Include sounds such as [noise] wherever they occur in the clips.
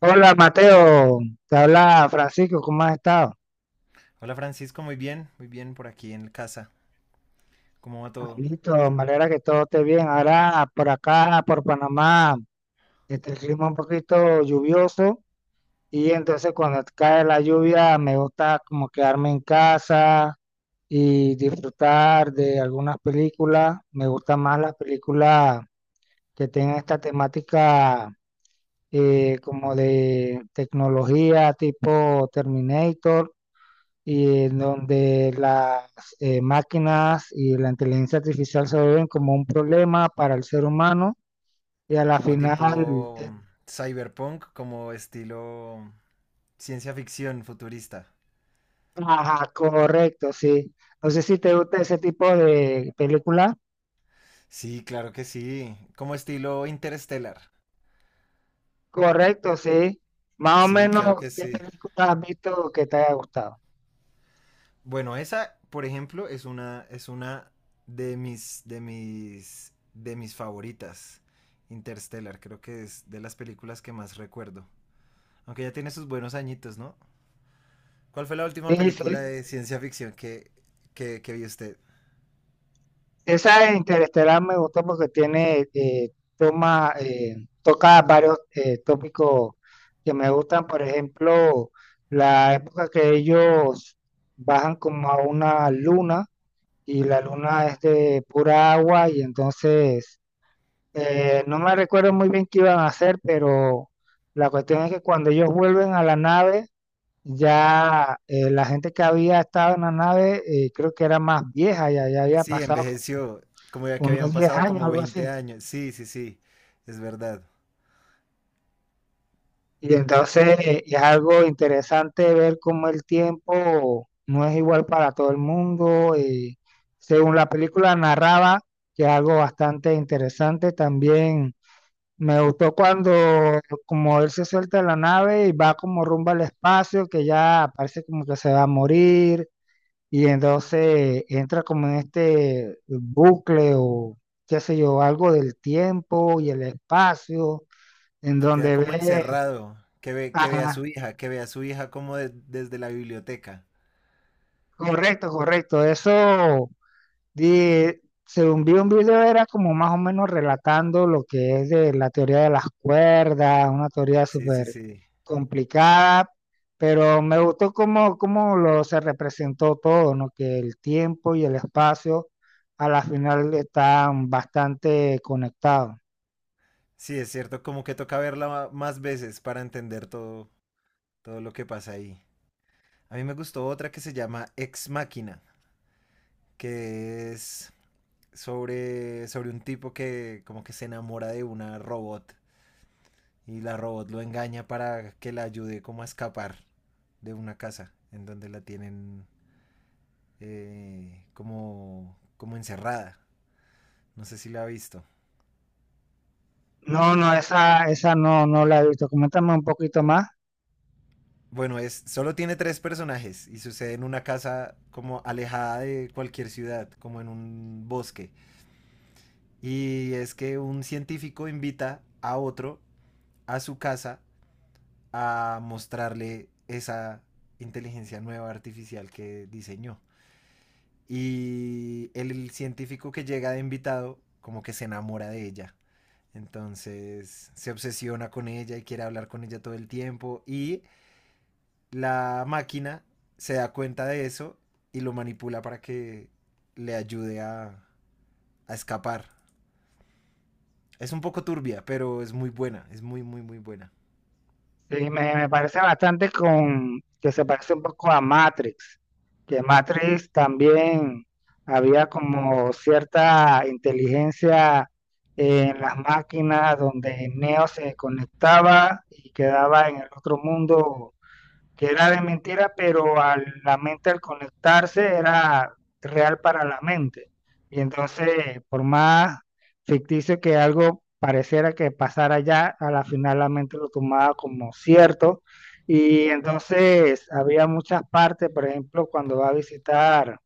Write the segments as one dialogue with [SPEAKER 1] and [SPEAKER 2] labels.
[SPEAKER 1] Hola Mateo, te habla Francisco, ¿cómo has estado?
[SPEAKER 2] Hola Francisco, muy bien por aquí en casa. ¿Cómo va todo?
[SPEAKER 1] Listo, me alegra que todo esté bien. Ahora por acá, por Panamá, el clima un poquito lluvioso y entonces cuando cae la lluvia me gusta como quedarme en casa y disfrutar de algunas películas. Me gustan más las películas que tengan esta temática, como de tecnología tipo Terminator y en donde las máquinas y la inteligencia artificial se ven como un problema para el ser humano y a la
[SPEAKER 2] Como
[SPEAKER 1] final,
[SPEAKER 2] tipo cyberpunk, como estilo ciencia ficción futurista.
[SPEAKER 1] ajá, correcto, sí. No sé si te gusta ese tipo de película.
[SPEAKER 2] Sí, claro que sí. Como estilo Interstellar.
[SPEAKER 1] Correcto, sí. Más o
[SPEAKER 2] Sí,
[SPEAKER 1] menos,
[SPEAKER 2] claro que
[SPEAKER 1] ¿qué
[SPEAKER 2] sí.
[SPEAKER 1] película has visto que te haya gustado?
[SPEAKER 2] Bueno, esa, por ejemplo, es una de mis favoritas. Interstellar, creo que es de las películas que más recuerdo. Aunque ya tiene sus buenos añitos, ¿no? ¿Cuál fue la última
[SPEAKER 1] Sí,
[SPEAKER 2] película
[SPEAKER 1] sí.
[SPEAKER 2] de ciencia ficción que vio usted?
[SPEAKER 1] Esa de Interestelar me gustó porque tiene, toma, eh, toca varios tópicos que me gustan. Por ejemplo, la época que ellos bajan como a una luna y la luna es de pura agua y entonces no me recuerdo muy bien qué iban a hacer, pero la cuestión es que cuando ellos vuelven a la nave, ya la gente que había estado en la nave, creo que era más vieja, ya había
[SPEAKER 2] Sí,
[SPEAKER 1] pasado
[SPEAKER 2] envejeció, como ya que habían
[SPEAKER 1] unos 10
[SPEAKER 2] pasado
[SPEAKER 1] años,
[SPEAKER 2] como
[SPEAKER 1] algo
[SPEAKER 2] 20
[SPEAKER 1] así.
[SPEAKER 2] años. Sí, sí, sí, es verdad.
[SPEAKER 1] Y entonces es algo interesante ver cómo el tiempo no es igual para todo el mundo. Y según la película narraba, que es algo bastante interesante también. Me gustó cuando como él se suelta de la nave y va como rumbo al espacio, que ya parece como que se va a morir, y entonces entra como en este bucle o qué sé yo, algo del tiempo y el espacio, en
[SPEAKER 2] Que queda
[SPEAKER 1] donde
[SPEAKER 2] como
[SPEAKER 1] ve,
[SPEAKER 2] encerrado,
[SPEAKER 1] ajá,
[SPEAKER 2] que ve a su hija como desde la biblioteca.
[SPEAKER 1] correcto, correcto, eso, di- según vi un video era como más o menos relatando lo que es de la teoría de las cuerdas, una teoría
[SPEAKER 2] Sí, sí,
[SPEAKER 1] súper
[SPEAKER 2] sí.
[SPEAKER 1] complicada, pero me gustó cómo, cómo lo se representó todo, ¿no? Que el tiempo y el espacio a la final están bastante conectados.
[SPEAKER 2] Sí, es cierto, como que toca verla más veces para entender todo lo que pasa ahí. A mí me gustó otra que se llama Ex Machina, que es sobre un tipo que como que se enamora de una robot. Y la robot lo engaña para que la ayude como a escapar de una casa en donde la tienen como encerrada. No sé si la ha visto.
[SPEAKER 1] No, no, esa no, no la he visto. Coméntame un poquito más.
[SPEAKER 2] Bueno, solo tiene tres personajes y sucede en una casa como alejada de cualquier ciudad, como en un bosque. Y es que un científico invita a otro a su casa a mostrarle esa inteligencia nueva artificial que diseñó. Y el científico que llega de invitado como que se enamora de ella. Entonces se obsesiona con ella y quiere hablar con ella todo el tiempo. Y la máquina se da cuenta de eso y lo manipula para que le ayude a escapar. Es un poco turbia, pero es muy buena. Es muy, muy, muy buena.
[SPEAKER 1] Sí, me parece bastante con que se parece un poco a Matrix, que Matrix también había como cierta inteligencia en las máquinas donde Neo se conectaba y quedaba en el otro mundo que era de mentira, pero a la mente al conectarse era real para la mente. Y entonces, por más ficticio que algo pareciera que pasara ya, a la final la mente lo tomaba como cierto. Y entonces había muchas partes, por ejemplo, cuando va a visitar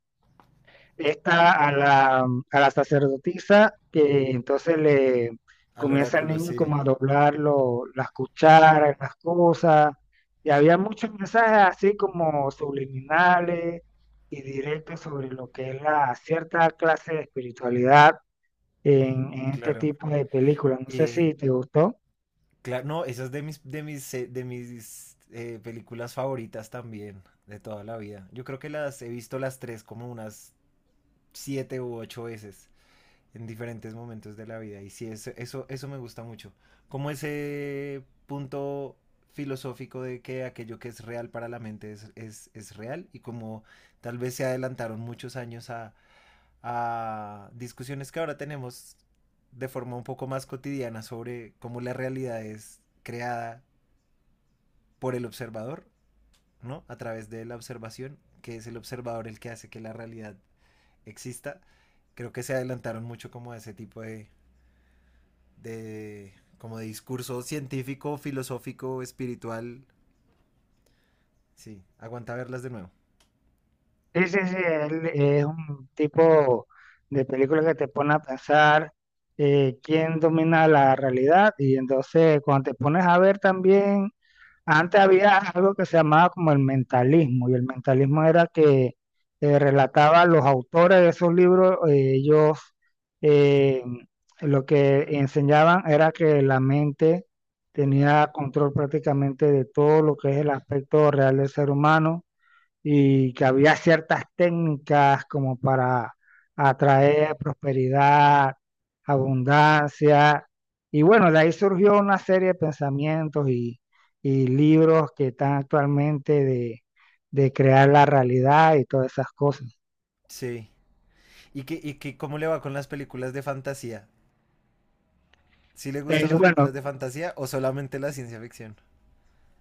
[SPEAKER 1] esta a la, a la sacerdotisa, que entonces le
[SPEAKER 2] Al
[SPEAKER 1] comienza al
[SPEAKER 2] oráculo,
[SPEAKER 1] niño
[SPEAKER 2] sí,
[SPEAKER 1] como a doblar las cucharas, las cosas, y había muchos mensajes así como subliminales y directos sobre lo que es la cierta clase de espiritualidad en este
[SPEAKER 2] claro.
[SPEAKER 1] tipo de películas. No sé si
[SPEAKER 2] Y,
[SPEAKER 1] te gustó.
[SPEAKER 2] Claro, no, esa es de mis películas favoritas también, de toda la vida. Yo creo que las he visto las tres como unas siete u ocho veces en diferentes momentos de la vida. Y sí, eso me gusta mucho. Como ese punto filosófico de que aquello que es real para la mente es real y como tal vez se adelantaron muchos años a discusiones que ahora tenemos de forma un poco más cotidiana sobre cómo la realidad es creada por el observador, ¿no? A través de la observación, que es el observador el que hace que la realidad exista. Creo que se adelantaron mucho como a ese tipo de como de discurso científico, filosófico, espiritual. Sí, aguanta verlas de nuevo.
[SPEAKER 1] Sí, sí, sí, él es un tipo de película que te pone a pensar, quién domina la realidad y entonces cuando te pones a ver también, antes había algo que se llamaba como el mentalismo y el mentalismo era que relataba los autores de esos libros, ellos eh, lo que enseñaban era que la mente tenía control prácticamente de todo lo que es el aspecto real del ser humano y que había ciertas técnicas como para atraer prosperidad, abundancia. Y bueno, de ahí surgió una serie de pensamientos y libros que están actualmente de crear la realidad y todas esas cosas.
[SPEAKER 2] Sí. ¿Cómo le va con las películas de fantasía? ¿Si ¿Sí le gustan las películas
[SPEAKER 1] Bueno,
[SPEAKER 2] de fantasía o solamente la ciencia ficción?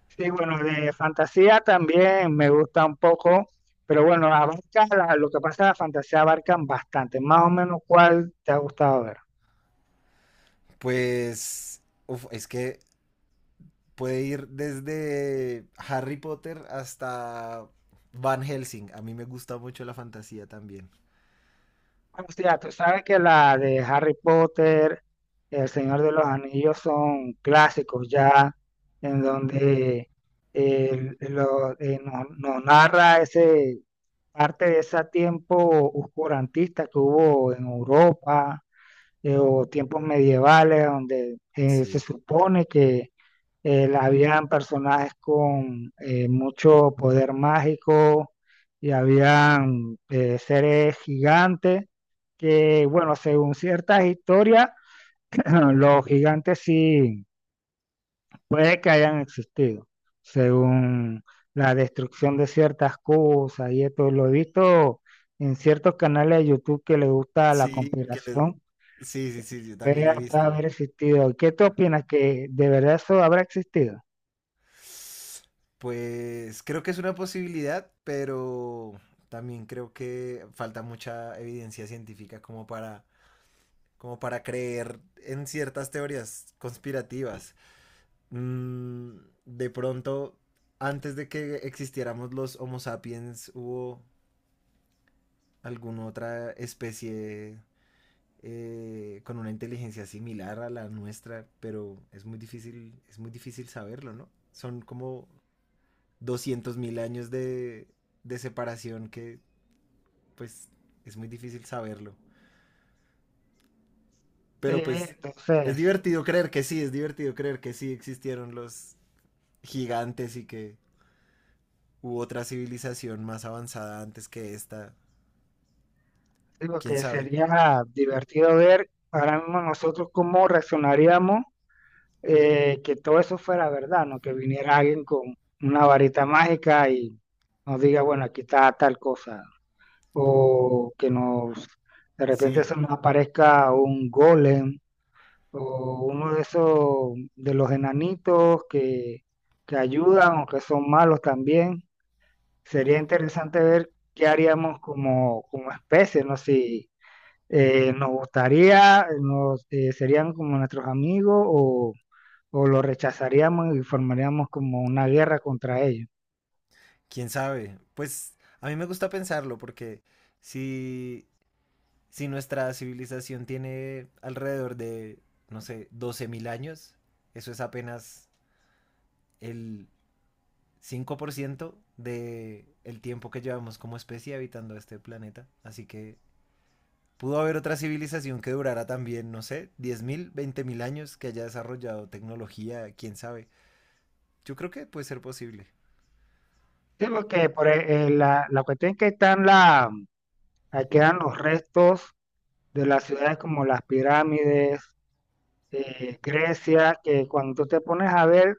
[SPEAKER 1] sí, bueno, de fantasía también me gusta un poco, pero bueno, abarca lo que pasa en la fantasía abarcan bastante. Más o menos, ¿cuál te ha gustado ver?
[SPEAKER 2] Pues, uf, es que puede ir desde Harry Potter hasta Van Helsing. A mí me gusta mucho la fantasía también.
[SPEAKER 1] O sea, tú sabes que la de Harry Potter, El Señor de los Anillos son clásicos ya, en donde nos narra ese parte de ese tiempo oscurantista que hubo en Europa, o tiempos medievales, donde se
[SPEAKER 2] Sí.
[SPEAKER 1] supone que habían personajes con mucho poder mágico y habían seres gigantes que, bueno, según ciertas historias, [clears throat] los gigantes sí puede que hayan existido, según la destrucción de ciertas cosas y esto lo he visto en ciertos canales de YouTube que les gusta la
[SPEAKER 2] Sí,
[SPEAKER 1] conspiración,
[SPEAKER 2] sí, sí, sí, yo también
[SPEAKER 1] puede
[SPEAKER 2] he
[SPEAKER 1] hasta
[SPEAKER 2] visto.
[SPEAKER 1] haber existido. ¿Qué tú opinas que de verdad eso habrá existido?
[SPEAKER 2] Pues creo que es una posibilidad, pero también creo que falta mucha evidencia científica como para creer en ciertas teorías conspirativas. Mm, de pronto, antes de que existiéramos los Homo sapiens, hubo alguna otra especie con una inteligencia similar a la nuestra, pero es muy difícil saberlo, ¿no? Son como 200.000 años de separación que pues es muy difícil saberlo.
[SPEAKER 1] Sí,
[SPEAKER 2] Pero pues
[SPEAKER 1] entonces...
[SPEAKER 2] es divertido creer que sí existieron los gigantes y que hubo otra civilización más avanzada antes que esta.
[SPEAKER 1] Lo
[SPEAKER 2] ¿Quién
[SPEAKER 1] que
[SPEAKER 2] sabe?
[SPEAKER 1] sería divertido ver ahora mismo nosotros cómo reaccionaríamos que todo eso fuera verdad, ¿no? Que viniera alguien con una varita mágica y nos diga, bueno, aquí está tal cosa. O que nos, de repente se
[SPEAKER 2] Sí,
[SPEAKER 1] nos aparezca un golem o uno de esos, de los enanitos que ayudan o que son malos también. Sería interesante ver qué haríamos como, como especie, ¿no? Si serían como nuestros amigos o los rechazaríamos y formaríamos como una guerra contra ellos.
[SPEAKER 2] ¿Quién sabe? Pues a mí me gusta pensarlo porque si, si nuestra civilización tiene alrededor de, no sé, 12.000 años, eso es apenas el 5% del tiempo que llevamos como especie habitando este planeta. Así que pudo haber otra civilización que durara también, no sé, 10.000, 20.000 años, que haya desarrollado tecnología, quién sabe. Yo creo que puede ser posible.
[SPEAKER 1] Sí, porque la cuestión es que ahí quedan los restos de las ciudades como las pirámides, Grecia, que cuando tú te pones a ver,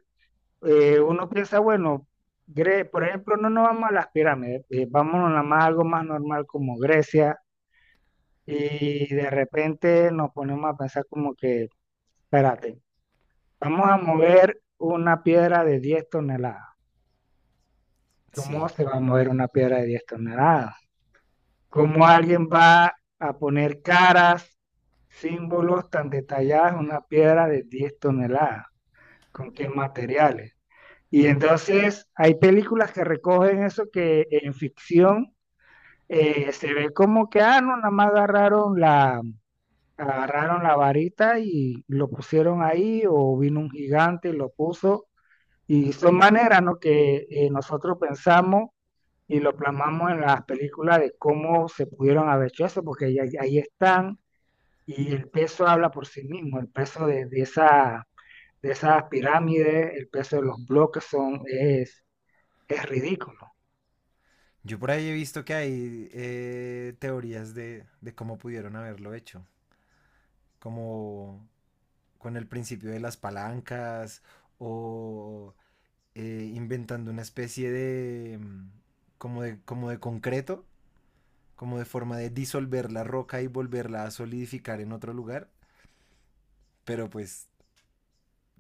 [SPEAKER 1] uno piensa, bueno, por ejemplo, no nos vamos a las pirámides, vámonos nada más a algo más normal como Grecia, y de repente nos ponemos a pensar como que espérate, vamos a mover una piedra de 10 toneladas. ¿Cómo
[SPEAKER 2] Sí.
[SPEAKER 1] se va a mover una piedra de 10 toneladas? ¿Cómo alguien va a poner caras, símbolos tan detallados en una piedra de 10 toneladas? ¿Con qué materiales? Y entonces hay películas que recogen eso que en ficción se ve como que, ah, no, nada más agarraron la varita y lo pusieron ahí o vino un gigante y lo puso. Y son maneras, ¿no? Que nosotros pensamos y lo plasmamos en las películas de cómo se pudieron haber hecho eso, porque ahí están y el peso habla por sí mismo, el peso de esa, de esas pirámides, el peso de los bloques es ridículo.
[SPEAKER 2] Yo por ahí he visto que hay teorías de cómo pudieron haberlo hecho, como con el principio de las palancas o inventando una especie de como de concreto, como de forma de disolver la roca y volverla a solidificar en otro lugar, pero pues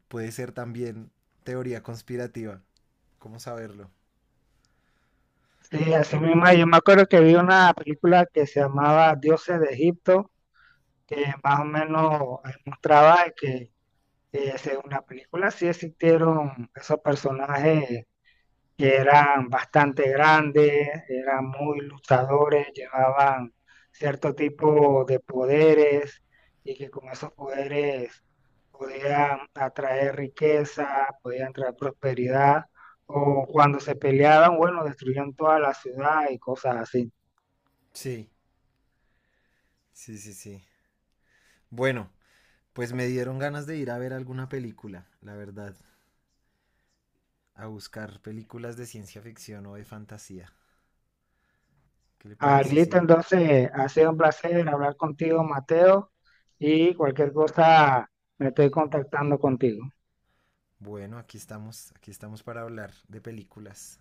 [SPEAKER 2] puede ser también teoría conspirativa. ¿Cómo saberlo?
[SPEAKER 1] Sí, así mismo, yo me acuerdo que vi una película que se llamaba Dioses de Egipto, que más o menos mostraba que según la película sí existieron esos personajes que eran bastante grandes, eran muy luchadores, llevaban cierto tipo de poderes y que con esos poderes podían atraer riqueza, podían traer prosperidad, o cuando se peleaban, bueno, destruían toda la ciudad y cosas así.
[SPEAKER 2] Sí, sí, sí, sí. Bueno, pues me dieron ganas de ir a ver alguna película, la verdad. A buscar películas de ciencia ficción o de fantasía. ¿Qué le
[SPEAKER 1] Ah,
[SPEAKER 2] parece
[SPEAKER 1] listo,
[SPEAKER 2] si,
[SPEAKER 1] entonces ha sido un placer hablar contigo, Mateo, y cualquier cosa me estoy contactando contigo.
[SPEAKER 2] bueno, aquí estamos para hablar de películas?